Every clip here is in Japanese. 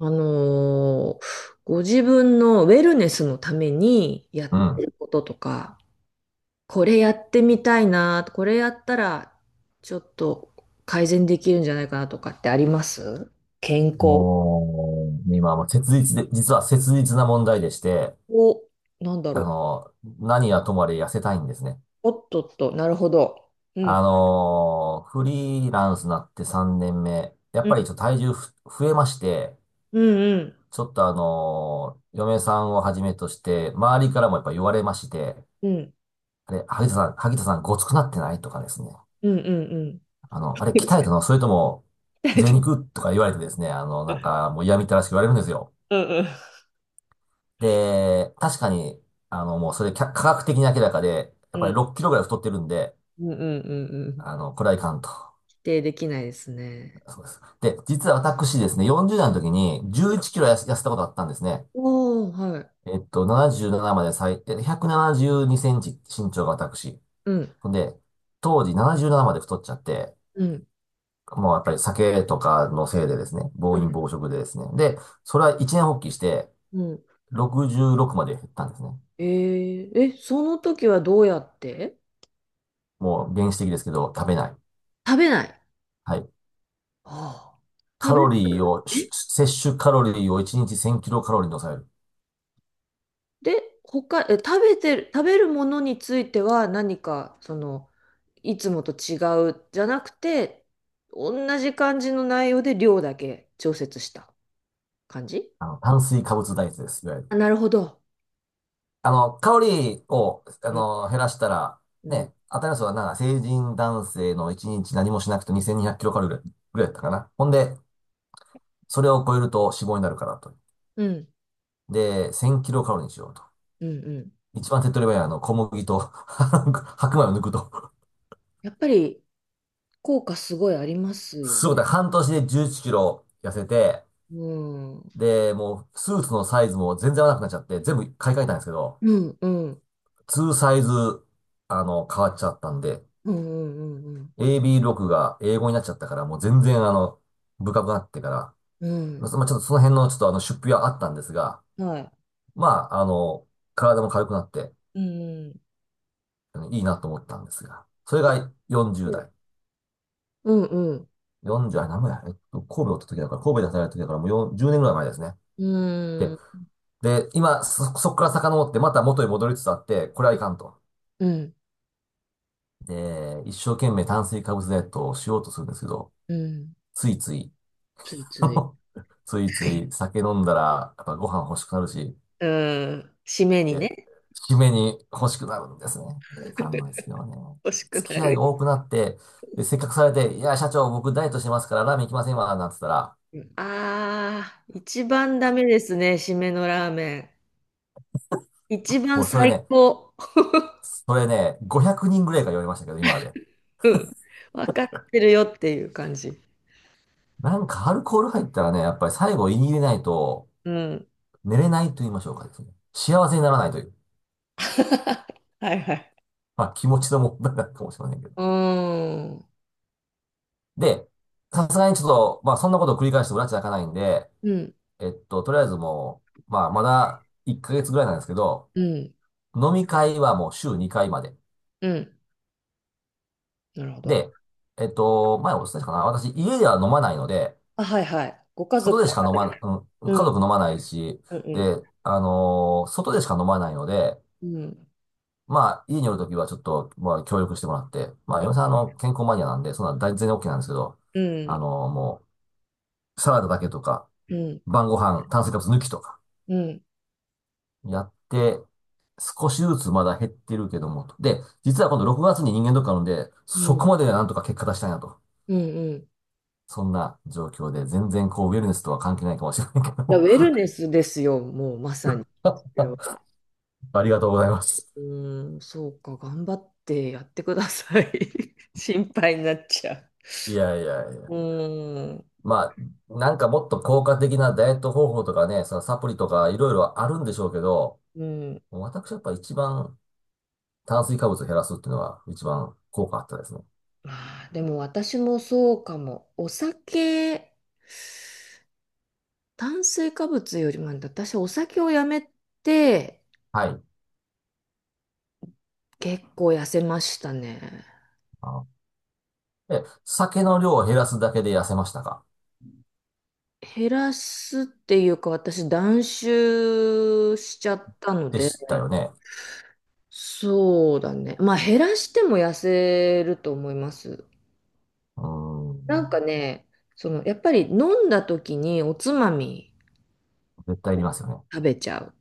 あのーご自分のウェルネスのためにやっうてん。ることとか、これやってみたいな、これやったらちょっと改善できるんじゃないかなとかってあります健康もう、今はもう切実で、実は切実な問題でして、を、なんだあろの、何はともあれ痩せたいんですね。う。おっとっと、なるほど。うん。フリーランスになって3年目、やうっぱりん。ちょっと体重増えまして、うんうん。ちょっと嫁さんをはじめとして、周りからもやっぱ言われまして、うんあれ、萩田さんごつくなってないとかですね。うんうんうん。あれ鍛えた のそれとも、贅肉とか言われてですね、なんかもう嫌みったらしく言われるんですよ。うんうんで、確かに、もうそれ科学的に明らかで、やうっぱりん6キロぐらい太ってるんで、うんうんうんうんこれはいかんと。否定できないですね。そうです。で、実は私ですね、40代の時にう11ん。キロ痩せたことあったんですね。おー、はい。77まで172センチ身長が私。うん。ほんで、当時77まで太っちゃって、うん。もうやっぱり酒とかのせいでですね、暴飲暴食でですね。で、それは一年発起して、うん。66まで減ったんですね。えー、え、その時はどうやってもう原始的ですけど、食べない。食べない。はい。ああ食カべロリーる。を、え。摂取カロリーを1日1000キロカロリーに抑える。で、他、え、食べてる、食べるものについては何か、その、いつもと違うじゃなくて、同じ感じの内容で量だけ調節した感じ。炭水化物ダイエットです。いわゆる。あ、なるほど。カロリーを、うん。減らしたら、うん。ね、新たいのはなんか成人男性の1日何もしなくて2200キロカロリーぐらいだったかな。ほんで、それを超えると脂肪になるからと。うん。で、1000キロカロリーにしようと。うん。うん。一番手っ取り早いは小麦と 白米を抜くと。やっぱり効果すごいありますよすごい、ね。だから半年で11キロ痩せて、うん。うん。で、もうスーツのサイズも全然合わなくなっちゃって、全部買い替えたんですけど、うん。うん。ツーサイズ、変わっちゃったんで、うん。うん。 AB6 が英語になっちゃったから、もう全然深くなってから、うまあ、ん。まあちょっとその辺のちょっと出費はあったんですが、うん。はい。まあ、体も軽くなって、うん。いいなと思ったんですが、それがう40ん、代。うん、40代、何もや、えっと、神戸おった時だから、神戸で働いた時だから、もう4 10年ぐらい前ですね。うで、ん、うーん、で、今、そこから遡って、また元に戻りつつあって、これはいかんと。うん、で、一生懸命炭水化物ダイエットをしようとするんですけど、ついつい、ついつい。ついはつい。い酒飲んだら、やっぱご飯欲しくなるし、うん、締めにで、ね、締めに欲しくなるんですね。いやいかんのですけどね。欲しく付なき合いる。が多くなって、で、せっかくされて、いや、社長、僕ダイエットしてますからラーメン行きませんわ、なんて言ったら、ああー、一番ダメですね、締めのラーメン。一番もうそれ最ね、高。それね、500人ぐらいが言われましたけど、今まで。わかってるよっていう感じ。なんかアルコール入ったらね、やっぱり最後言い入れないと、うん。寝れないと言いましょうかですね。幸せにならないという。はいはい。まあ気持ちの問題なのかもしれませんけど。うーん。で、さすがにちょっと、まあそんなことを繰り返しても埒が明かないんで、うん、とりあえずもう、まあ、まだ1ヶ月ぐらいなんですけど、うん、飲み会はもう週2回まで。うん。なるほど。で、前お伝えしたかな私、家では飲まないので、あ、はいはい。ご家族外ではしやか飲られまな、る。ううん、家ん、族飲まないし、うん、で、外でしか飲まないので、うん、まあ、家におるときはちょっと、まあ、協力してもらって、まあ、嫁さん、健康マニアなんで、そんな全然 OK なんですけど、うん、もう、サラダだけとか、うん、うん、晩ご飯、炭水化物抜きとかうん、やって、少しずつまだ減ってるけども、と。で、実は今度6月に人間ドックあるんで、うそん。こまでなんとか結果出したいなと。うんうん。いそんな状況で、全然こう、ウェルネスとは関係ないかもしれないけどや、ウも。ェルネスですよ、もうまさに。それは。ありがとうございます。うん、そうか、頑張ってやってください。心配になっちゃいやいやいや。う。うん、まあ、なんかもっと効果的なダイエット方法とかね、そのサプリとかいろいろあるんでしょうけど、うん。私やっぱ一番炭水化物を減らすっていうのは一番効果あったですね。まあー、でも私もそうかも。お酒、炭水化物よりも、私お酒をやめてはい。結構痩せましたね。あ酒の量を減らすだけで痩せましたか？減らすっていうか、私断酒しちゃったのでで、したよね。そうだね。まあ減らしても痩せると思います。うん。なんかね、そのやっぱり飲んだ時におつまみ絶対いりをますよね。食べちゃう。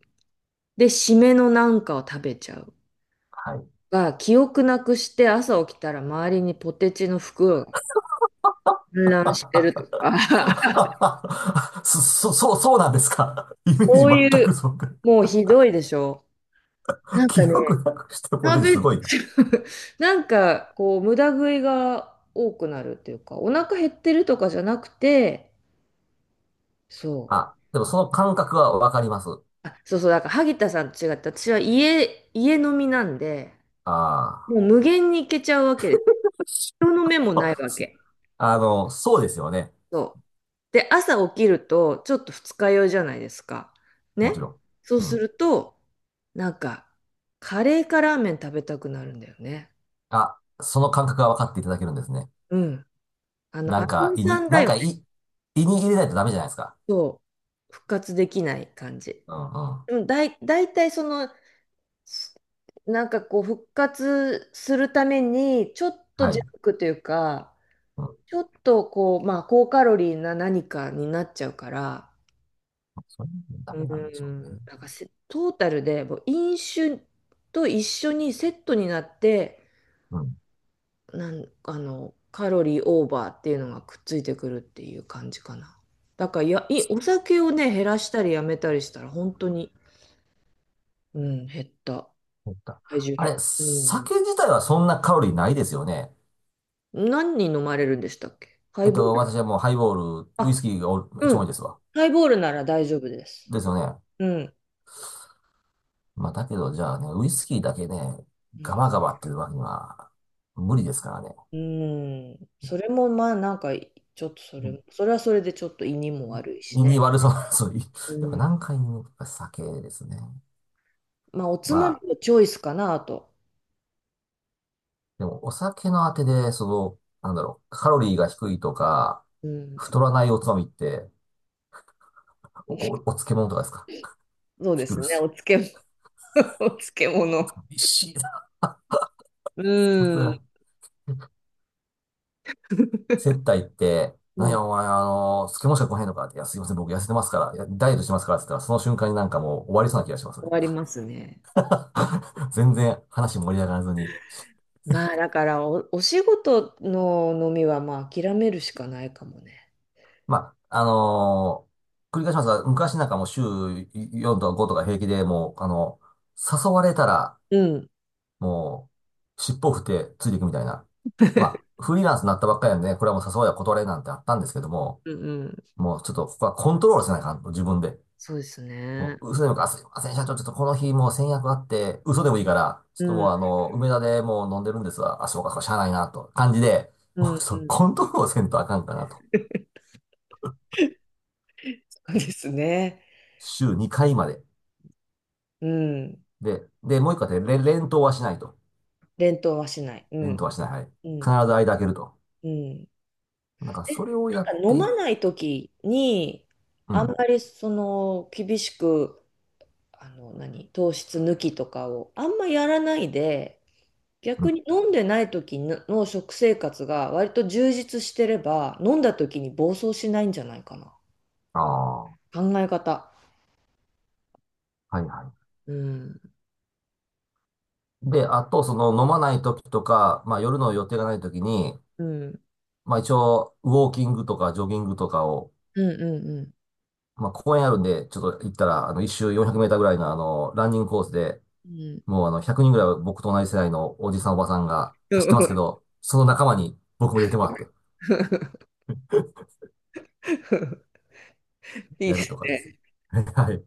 で、締めのなんかを食べちゃう。はい。が、記憶なくして朝起きたら周りにポテチの袋が散乱してるとか、そうなんですか？イメージそう全いくう、そうか。もうひどいでしょ。なんか記ね、憶なくしてポテ食チすごべ、いな。なんかこう無駄食いが多くなるっていうか、お腹減ってるとかじゃなくて、そう。あ、でもその感覚はわかります。あ、そうそう、だから萩田さんと違って、私は家、家飲みなんで、あもう無限に行けちゃうわけです。人の目もないあ。わけ。そうですよね。そう。で、朝起きると、ちょっと二日酔いじゃないですか。もちね。ろそうん。うすん。ると、なんか、カレーかラーメン食べたくなるんだよね。あ、その感覚がわかっていただけるんですね。うん。あの、なんアか、ミ胃さに、んだよね。胃に入れないとダメじゃないですか。そう。復活できない感じ。うんうん。うん、だい、だいたいその、す、なんかこう、復活するために、ちょっとはジャい。ンクというか、うん。ちょっとこう、まあ、高カロリーな何かになっちゃうから、それもダうメなんでしょうね。ん、なんかせトータルでもう飲酒と一緒にセットになって、うん。なん、あの、カロリーオーバーっていうのがくっついてくるっていう感じかな。だからや、い、お酒をね、減らしたりやめたりしたら、本当に、うん、減った。そうか体重あれ、減、うん。酒自体はそんなカロリーないですよね。何人飲まれるんでしたっけハイボール。私はもうハイボール、ウイスあ、キーが一う番多いん。ですわ。ハイボールなら大丈夫です。ですよね。うん。まあ、だけど、じゃあね、ウイスキーだけね、うガんバガバっていうわけには無理ですからね。うん。それもまあなんか、ちょっとそれ、それはそれでちょっと胃にも悪いし胃にね。悪そうな、そういう、うやっぱん。何回もやっぱ酒ですね。まあ、おつままみあ、のチョイスかなと。でもお酒のあてで、その、なんだろう、カロリーが低いとか、うん。太らないおつまみって、お漬物とかですか？そうピでクすルね。ス。お漬物、お漬物。美味しいな。さすうん。が接待って、うなんん。やお前、スケしか来へんのかって、いや、すいません、僕痩せてますから、いやダイエットしてますからって言ったら、その瞬間になんかもう終わりそうな気がします終ね。わりますね。全然話盛り上がらずに。まあ、だからお、お仕事の飲みはまあ諦めるしかないかもね。まあ、繰り返しますが、昔なんかもう週4とか5とか平気でもう、誘われたら、うん。もう、尻尾を振ってついていくみたいな。ま あ、フリーランスになったばっかりなんでね、これはもう誘われは断れなんてあったんですけども、うんうん。もうちょっとここはコントロールせないかんと、自分で。そうですもね。う、嘘でもいいから、あすいません、社長、ちょっとこの日もう先約あって、嘘でもいいから、ちょっうとん。もう梅田でもう飲んでるんですわ。あ、そうか、そうか、しゃあないな、と。感じで、うもうんちょっうとん。コントロールをせんとあかんかなと。そうですね。週2回まで。うん。で、もう一個あって、連投はしないと。連投はしない。う連ん。投はしない。はい。う必ん。ず間開けると。うん。なんか、え、それをなやんっか飲てい、まない時に、うあんん。まりその厳しく、何、糖質抜きとかをあんまやらないで、う逆ん。に飲んでない時のの食生活が割と充実してれば、飲んだ時に暴走しないんじゃないかな。ああ、は考え方。いはうん。い。で、あと、その、飲まない時とか、まあ、夜の予定がない時に、うん。まあ、一応、ウォーキングとか、ジョギングとかを、うんうんうん。まあ、公園あるんで、ちょっと行ったら、一周400メーターぐらいの、ランニングコースで、うんもう、100人ぐらいは僕と同じ世代のおじさん、おばさんがう走ってますん。 けど、その仲間に僕も入れてもらって、いいやでるとすかですね。ね。はい。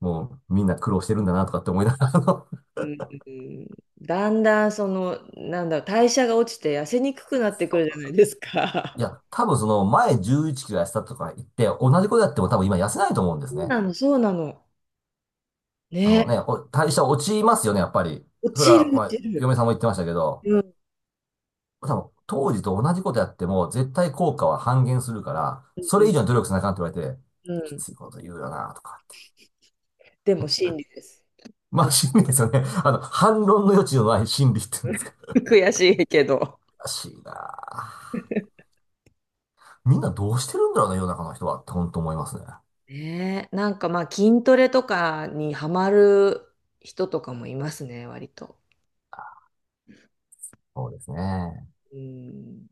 もう、みんな苦労してるんだな、とかって思いながら、うんうん。だんだんその、なんだろう、代謝が落ちて痩せにくくなってくそるじゃないうですいか。や、多分その、前11キロ痩せたとか言って、同じことやっても多分今痩せないと思うんですそうね。なの、そうなの。あのね、ね。代謝落ちますよね、やっぱり。落それちる、は、ま落あ、ちる。嫁さんも言ってましたけど、うん、多分、当時と同じことやっても、絶対効果は半減するから、そうれ以ん、上に努力しなあかんって言われて、うきん。ついこと言うよな、とかって。でも真理です。うまん。 あ、心理ですよね。反論の余地のない心理って言うんですか。悔しいけど。らしいなあ。みんなどうしてるんだろうな、世の中の人はって、本当思いますね。ねえ、なんかまあ筋トレとかにハマる人とかもいますね、割と。そうですね。うん。